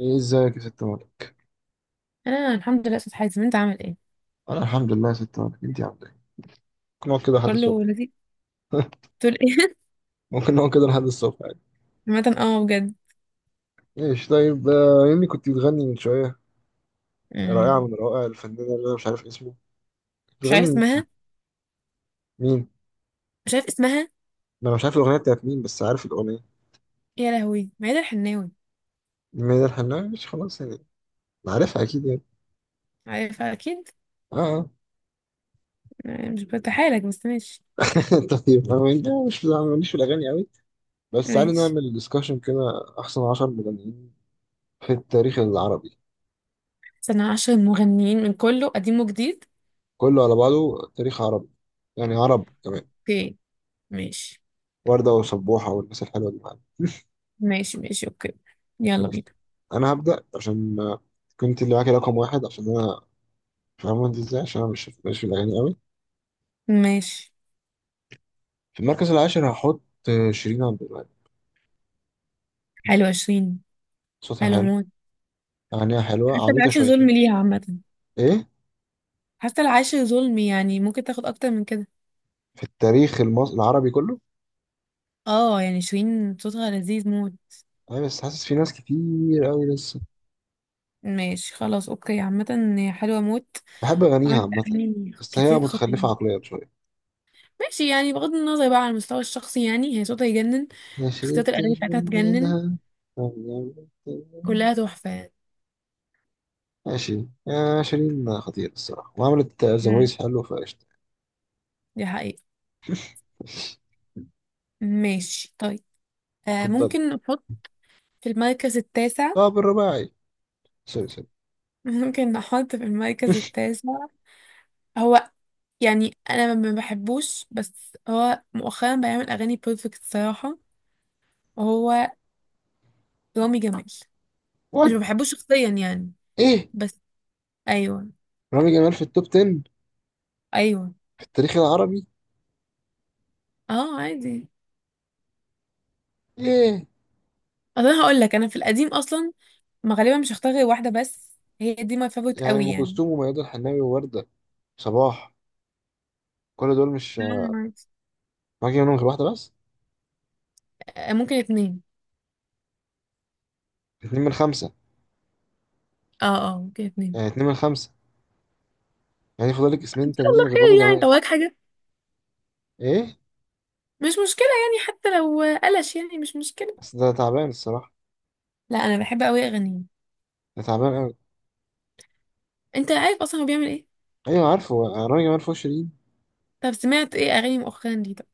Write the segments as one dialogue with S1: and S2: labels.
S1: ايه ازيك يا ست مالك.
S2: انا الحمد لله استاذ حازم، انت عامل ايه؟
S1: انا الحمد لله يا ست مالك، انت عامله ايه؟ ممكن نقعد كده لحد الصبح.
S2: كله لذيذ. تقول ايه؟
S1: ممكن نقعد كده لحد الصبح عادي.
S2: عامه اه بجد.
S1: ماشي طيب آه، يمي كنت بتغني من شويه، رائعه
S2: أمم.
S1: من روائع الفنانه اللي انا مش عارف اسمه.
S2: مش عارف
S1: بتغني مين؟
S2: اسمها.
S1: مين؟
S2: مش عارف اسمها.
S1: ما انا مش عارف الاغنيه بتاعت مين، بس عارف الاغنيه.
S2: يا لهوي ميادة الحناوي.
S1: مين الحناوي؟ مش خلاص يعني عارفها اكيد يعني.
S2: عارفها اكيد.
S1: اه. آه.
S2: مش بتحالك بس ماشي.
S1: طيب، مش أنا ماليش في الاغاني قوي، بس تعالي
S2: ماشي
S1: نعمل ديسكشن كده. احسن 10 مغنيين في التاريخ العربي،
S2: سنة عشر مغنيين من كله قديم وجديد.
S1: كله على بعضه، تاريخ عربي يعني، عرب كمان.
S2: اوكي. ماشي
S1: وردة وسبوحة والناس الحلوة دي معانا.
S2: ماشي ماشي اوكي. يلا
S1: ماشي.
S2: بينا.
S1: هبدأ عشان كنت اللي معاكي رقم واحد، عشان أنا فاهمة أنت إزاي، عشان أنا مش في الأغاني أوي.
S2: ماشي.
S1: في المركز العاشر هحط شيرين عبد الوهاب.
S2: حلو عشرين.
S1: صوتها
S2: حلو
S1: حلو،
S2: موت.
S1: أغانيها حلوة
S2: حتى
S1: عبيطة
S2: العاشر ظلم
S1: شويتين.
S2: ليها عامة.
S1: إيه؟
S2: حتى العاشر ظلم، يعني ممكن تاخد اكتر من كده.
S1: في التاريخ المصري العربي كله.
S2: اه يعني شيرين صوتها لذيذ موت.
S1: أنا بس حاسس في ناس كتير أوي لسه.
S2: ماشي خلاص اوكي، عامة هي حلوة موت.
S1: بحب أغانيها
S2: عملت
S1: عامة،
S2: اغاني
S1: بس هي
S2: كتير خطيرة.
S1: متخلفة عقليا شوية،
S2: ماشي، يعني بغض النظر بقى على المستوى الشخصي، يعني هي صوتها يجنن.
S1: ما
S2: اختيارات الاغاني
S1: شربتش
S2: بتاعتها تجنن.
S1: منها.
S2: كلها تحفة يعني.
S1: ماشي يا شيرين، خطير الصراحة، وعملت زوايز
S2: امم
S1: حلو فقشطة.
S2: دي حقيقة. ماشي طيب. آه
S1: اتفضل.
S2: ممكن نحط في المركز التاسع.
S1: لاعب الرباعي، سوري سوري،
S2: ممكن نحط في المركز
S1: شوش.
S2: التاسع. هو يعني انا ما بحبوش، بس هو مؤخرا بيعمل اغاني بيرفكت صراحة. وهو رامي جمال. مش ما
S1: وات؟
S2: بحبوش شخصيا يعني،
S1: ايه؟
S2: بس. ايوه.
S1: رامي جمال في التوب 10؟
S2: ايوه
S1: في التاريخ العربي؟
S2: اه عادي.
S1: ايه
S2: اصل انا هقول لك، انا في القديم اصلا ما غالبا مش هختار غير واحده بس. هي دي ماي فافورت
S1: يعني؟
S2: قوي
S1: ام
S2: يعني.
S1: كلثوم وميادة الحناوي ووردة، صباح، كل دول مش
S2: نعم، عادي.
S1: باقي منهم غير واحدة بس؟
S2: ممكن اتنين.
S1: اتنين من خمسة؟
S2: اه اه ممكن اتنين.
S1: يعني اتنين من خمسة؟ يعني فاضل لك
S2: ان
S1: اسمين
S2: شاء الله
S1: تانيين غير رامي
S2: خير يعني،
S1: جمال؟
S2: طب وراك حاجه؟
S1: ايه؟
S2: مش مشكله يعني، حتى لو قلش يعني مش مشكله.
S1: بس ده تعبان الصراحة،
S2: لا انا بحب قوي اغانيه.
S1: ده تعبان قوي.
S2: انت عارف اصلا هو بيعمل ايه.
S1: ايوه عارفه، رامي جمال فوق شيرين؟
S2: طب سمعت ايه اغاني مؤخرا دي طب؟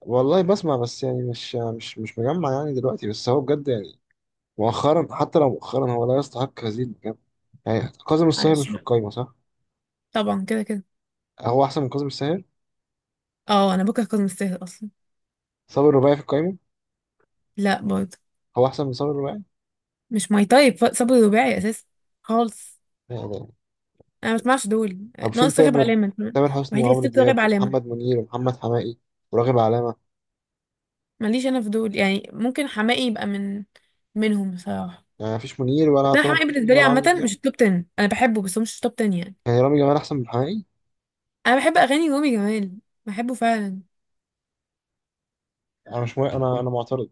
S1: والله بسمع، بس يعني مش مجمع يعني دلوقتي، بس هو بجد يعني مؤخرا، حتى لو مؤخرا هو لا يستحق هذه المكانة. يعني كاظم الساهر مش
S2: معلش
S1: في
S2: بقى.
S1: القايمة صح؟
S2: طبعا كده كده.
S1: هو أحسن من كاظم الساهر؟
S2: اه انا بكره كاظم الساهر اصلا.
S1: صابر الرباعي في القايمة؟
S2: لا برضه.
S1: هو أحسن من صابر الرباعي؟
S2: مش ماي تايب، صبري رباعي اساسا خالص.
S1: يعني.
S2: انا ما بسمعش دول.
S1: طب فين
S2: ناقص راغب
S1: تامر؟
S2: علامه،
S1: تامر حسني
S2: الوحيد اللي
S1: وعمرو
S2: سبت راغب
S1: دياب
S2: علامه.
S1: ومحمد منير ومحمد حماقي وراغب علامة.
S2: ماليش انا فضول، يعني ممكن حماقي يبقى منهم بصراحه.
S1: يعني مفيش منير
S2: بس
S1: ولا
S2: انا
S1: تامر
S2: حماقي
S1: حسني
S2: بالنسبه لي
S1: ولا عمرو
S2: عامه
S1: دياب؟
S2: مش توب 10، انا بحبه بس هو مش توب 10 يعني.
S1: يعني رامي جمال أحسن من حماقي؟
S2: انا بحب اغاني رامي جمال، بحبه فعلا.
S1: أنا مش موافق، أنا معترض.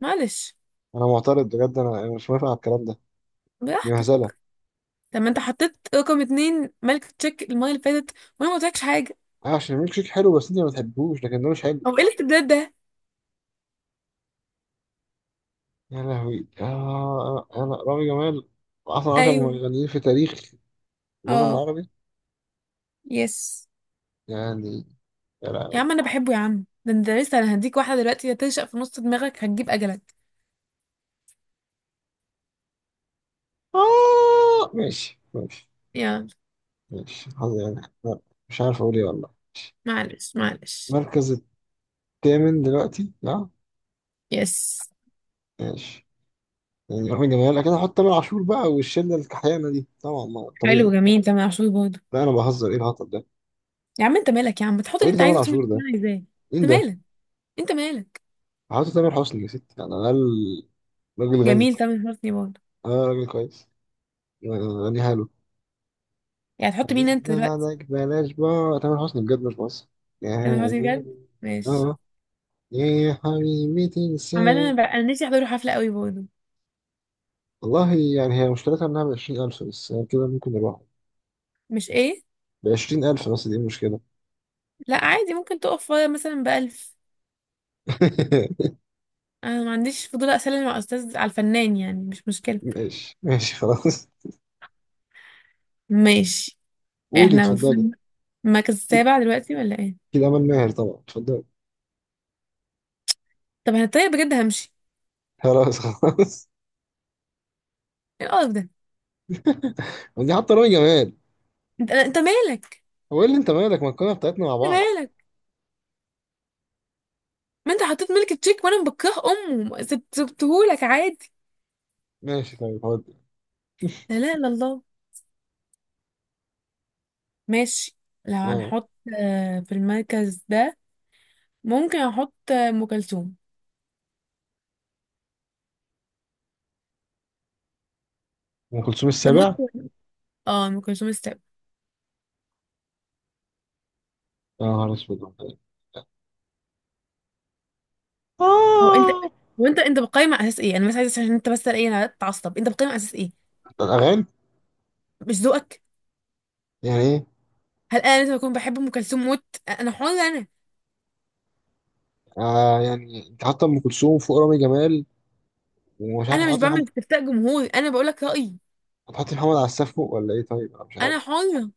S2: معلش.
S1: أنا معترض بجد، أنا مش موافق على الكلام ده. دي
S2: براحتك.
S1: مهزلة.
S2: طب ما انت حطيت رقم اتنين ملك تشيك المره اللي فاتت، وانا ما قلتلكش حاجه.
S1: أه، عشان ميلك شيك حلو بس أنت ما بتحبوش، لكن ده مش حلو.
S2: هو ايه الاستبداد ده؟
S1: يا لهوي آه، أنا رامي جمال أحسن 10
S2: ايوه
S1: مغنيين في تاريخ الوطن
S2: اه.
S1: العربي؟
S2: يس.
S1: يعني. يا
S2: يا
S1: لهوي.
S2: عم انا بحبه يا عم، ده انت لسه، انا هديك واحده دلوقتي هتنشأ في نص دماغك هتجيب اجلك.
S1: آه ماشي ماشي.
S2: يلا.
S1: ماشي حظي يعني. لا، مش عارف اقول ايه والله.
S2: معلش معلش.
S1: المركز الثامن دلوقتي؟ لا
S2: يس.
S1: ماشي. يعني احنا جماهير، لكن احط تامر عاشور بقى والشله الكحيانه دي طبعا، ما
S2: حلو
S1: طبيعي، لا.
S2: جميل تمام، عاشور برضه.
S1: لا انا بهزر، ايه الهطل ده؟
S2: يا عم انت مالك يا عم، تحط
S1: ايه
S2: اللي
S1: اللي
S2: انت
S1: تامر
S2: عايزه وتعمل
S1: عاشور
S2: اللي
S1: ده؟
S2: انا عايزاه. انت
S1: مين ده؟
S2: مالك. انت مالك.
S1: هحط تامر حسني يا ستي، راجل غني،
S2: جميل، تامر حسني برضه.
S1: انا راجل كويس، يعني غني حلو.
S2: يعني تحط مين
S1: يعني
S2: انت دلوقتي؟
S1: بعدك بلاش بقى تامر حسني بجد، مش مصر
S2: تامر حسني
S1: يعني.
S2: بجد. ماشي.
S1: اه. يا حبيبي
S2: عمال انا
S1: تنساني.
S2: بقى، انا نفسي احضر حفله قوي برضه.
S1: والله يعني هي مشكلتها انها ب 20,000 بس، يعني كده ممكن نروح.
S2: مش ايه.
S1: بعشرين ألف، بس دي مشكلة.
S2: لا عادي، ممكن تقف فاضية مثلا بألف. انا ما عنديش فضول اسلم مع استاذ على الفنان، يعني مش مشكله.
S1: ماشي ماشي خلاص.
S2: ماشي.
S1: قولي
S2: احنا
S1: اتفضلي.
S2: المفروض المركز السابع دلوقتي ولا ايه؟
S1: أكيد أمل ماهر طبعا، اتفضلي.
S2: طب انا طيب بجد همشي.
S1: خلاص. خلاص.
S2: ايه القرف ده؟
S1: دي حتى رامي جمال.
S2: انت مالك.
S1: هو إيه اللي أنت مالك؟ ما القناة بتاعتنا مع
S2: انت
S1: بعض.
S2: مالك. ما انت حطيت ملك تشيك وانا بكره امه، سبتهولك عادي.
S1: ماشي طيب هودي.
S2: لا لا لا الله. ماشي. لو
S1: آه.
S2: هنحط في المركز ده ممكن احط ام كلثوم
S1: أم كلثوم
S2: تموت.
S1: السابع؟
S2: اه ام كلثوم استقبل.
S1: يا نهار أسود.
S2: هو انت،
S1: آه.
S2: وانت بتقيم على اساس ايه؟ انا بس عايزه عشان انت بس ايه، انا اتعصب. انت بتقيم على اساس ايه؟
S1: الأغاني.
S2: مش ذوقك؟
S1: يعني إيه؟
S2: هل انا لازم اكون بحب ام كلثوم موت؟ انا حره انا.
S1: آه يعني أنت حاطة أم كلثوم فوق رامي جمال، ومش عارف
S2: انا مش
S1: تحطي
S2: بعمل
S1: محمد؟
S2: استفتاء جمهوري، انا بقول لك رايي.
S1: هتحطي محمد على السقف فوق ولا إيه؟ طيب أنا مش عارف.
S2: انا حره.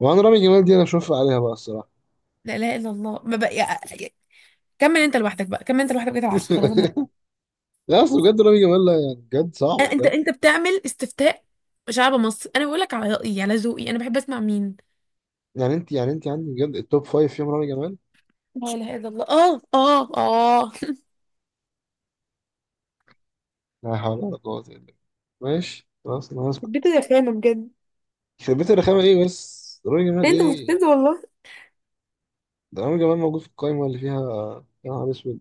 S1: وأنا رامي جمال دي أنا أشوف عليها بقى الصراحة.
S2: لا اله الا الله. ما بقى كمل انت لوحدك بقى، كمل انت لوحدك بقيت العشرة، خلاص انا.
S1: لا اصل بجد رامي جمال لا، يعني بجد صعب
S2: انت
S1: بجد.
S2: انت بتعمل استفتاء شعب مصر؟ انا بقول لك على رايي على ذوقي انا بحب اسمع مين.
S1: يعني انت، يعني انت عندك بجد التوب فايف فيهم رامي جمال؟
S2: لا اله الا الله. اه اه اه
S1: لا حول ولا قوة الا بالله. ماشي خلاص، انا هسكت.
S2: البيت ده خانة بجد.
S1: يخرب بيت الرخامة، ايه بس رامي جمال
S2: إيه انت
S1: ايه؟
S2: مستفز والله.
S1: ده رامي جمال موجود في القايمة اللي فيها. يا نهار اسود.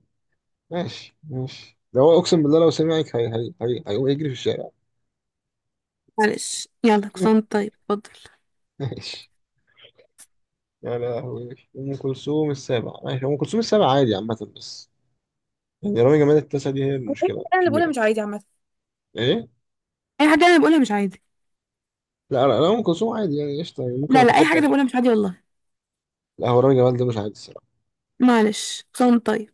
S1: ماشي ماشي، ده هو اقسم بالله لو سمعك هي هيقوم يجري في الشارع.
S2: معلش يلا كنت طيب اتفضل.
S1: ماشي. يا لهوي، ام كلثوم السابع، ماشي، ام كلثوم السابع عادي عامة، بس يعني رامي جمال التاسع دي هي
S2: هو اي
S1: المشكلة
S2: حاجة انا اللي بقولها
S1: الكبيرة.
S2: مش عادي عامة؟
S1: ايه؟
S2: اي حاجه انا بقولها مش عادي.
S1: لا لا لا، ام كلثوم عادي يعني، قشطة يعني، ممكن
S2: لا لا اي حاجه
S1: اتقبل.
S2: انا بقولها مش عادي والله.
S1: لا هو رامي جمال ده مش عادي الصراحة.
S2: معلش كنت طيب.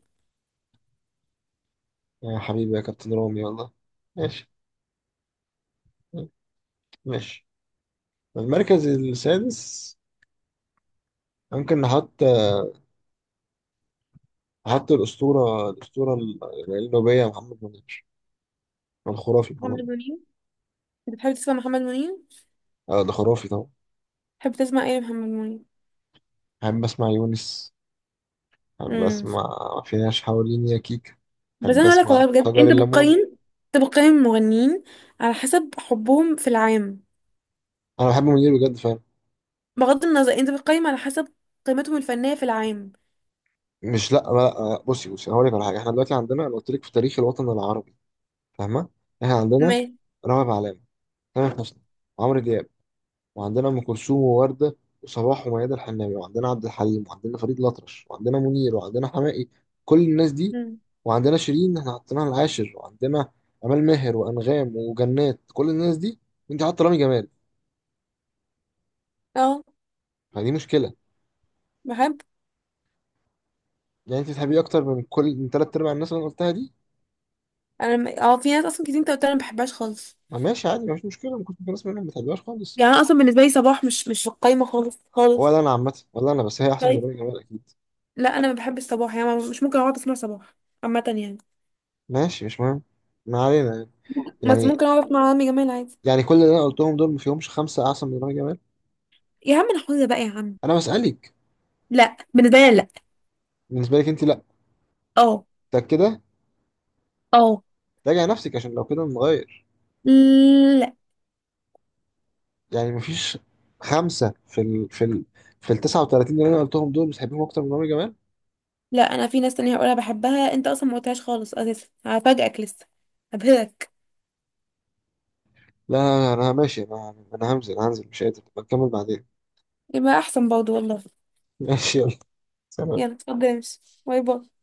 S1: يا حبيبي يا كابتن رامي، والله. ماشي ماشي. المركز السادس ممكن نحط، نحط الأسطورة، الأسطورة النوبية محمد منير، الخرافي محمد
S2: محمد
S1: منير.
S2: منير. انت بتحب تسمع محمد منير؟
S1: آه ده خرافي طبعا.
S2: بتحب تسمع ايه يا محمد منير؟
S1: أحب أسمع يونس، أحب
S2: امم
S1: أسمع فيناش حواليني يا كيكة،
S2: بس
S1: أحب
S2: انا هقولك والله
S1: أسمع
S2: بجد،
S1: شجر
S2: انت
S1: الليمون.
S2: بتقيم. انت بتقيم المغنيين على حسب حبهم في العام،
S1: أنا بحب منير بجد فعلا.
S2: بغض النظر. انت بتقيم على حسب قيمتهم الفنية في العام.
S1: مش، لا لا. آه، بصي بصي، أنا هقول لك على حاجة. إحنا دلوقتي عندنا، أنا قلت لك في تاريخ الوطن العربي، فاهمة؟ إحنا عندنا
S2: ما.
S1: رامي معلول، تامر حسني، عمرو دياب، وعندنا ام كلثوم وورده وصباح وميادة الحناوي، وعندنا عبد الحليم، وعندنا فريد الأطرش، وعندنا منير، وعندنا حماقي، كل الناس دي،
S2: امم
S1: وعندنا شيرين احنا حطيناها العاشر، وعندنا امال ماهر وانغام وجنات، كل الناس دي، انت حاطه رامي جمال؟
S2: اه
S1: فدي مشكله.
S2: بحب.
S1: يعني انت تحبيه اكتر من كل، من ثلاث ارباع الناس اللي انا قلتها دي؟
S2: اه في ناس اصلا كتير انت قلت انا ما بحبهاش خالص.
S1: ما ماشي عادي، مفيش مشكله، ممكن تكون ناس منهم ما بتحبهاش خالص.
S2: يعني انا اصلا بالنسبه لي صباح مش في القايمه خالص
S1: ولا
S2: خالص.
S1: انا عامه، ولا انا، بس هي احسن من
S2: طيب.
S1: رامي جمال اكيد.
S2: لا انا ما بحب الصباح، يعني مش ممكن اقعد اسمع صباح عامه يعني.
S1: ماشي مش مهم، ما علينا.
S2: بس
S1: يعني،
S2: ممكن اقعد اسمع عمي جمال عادي.
S1: يعني كل اللي انا قلتهم دول ما فيهمش خمسه احسن من رامي جمال؟
S2: يا عم انا حافظه بقى يا عم.
S1: انا بسالك.
S2: لا بالنسبه لي لا.
S1: بالنسبه لك انت لا؟
S2: اه.
S1: انت كده،
S2: اه.
S1: راجع نفسك، عشان لو كده نغير.
S2: لا
S1: يعني مفيش خمسه في ال، في ال 39 اللي انا قلتهم دول بتحبهم اكتر من عمرو جمال؟
S2: لا انا في ناس تانية هقولها بحبها، انت اصلا ما قلتهاش خالص اساسا، هفاجئك لسه، هبهرك.
S1: لا انا ماشي، انا همزل هنزل، مش قادر بكمل بعدين.
S2: يبقى احسن برضه والله.
S1: ماشي يلا سلام.
S2: يلا اتفضل امشي. باي باي.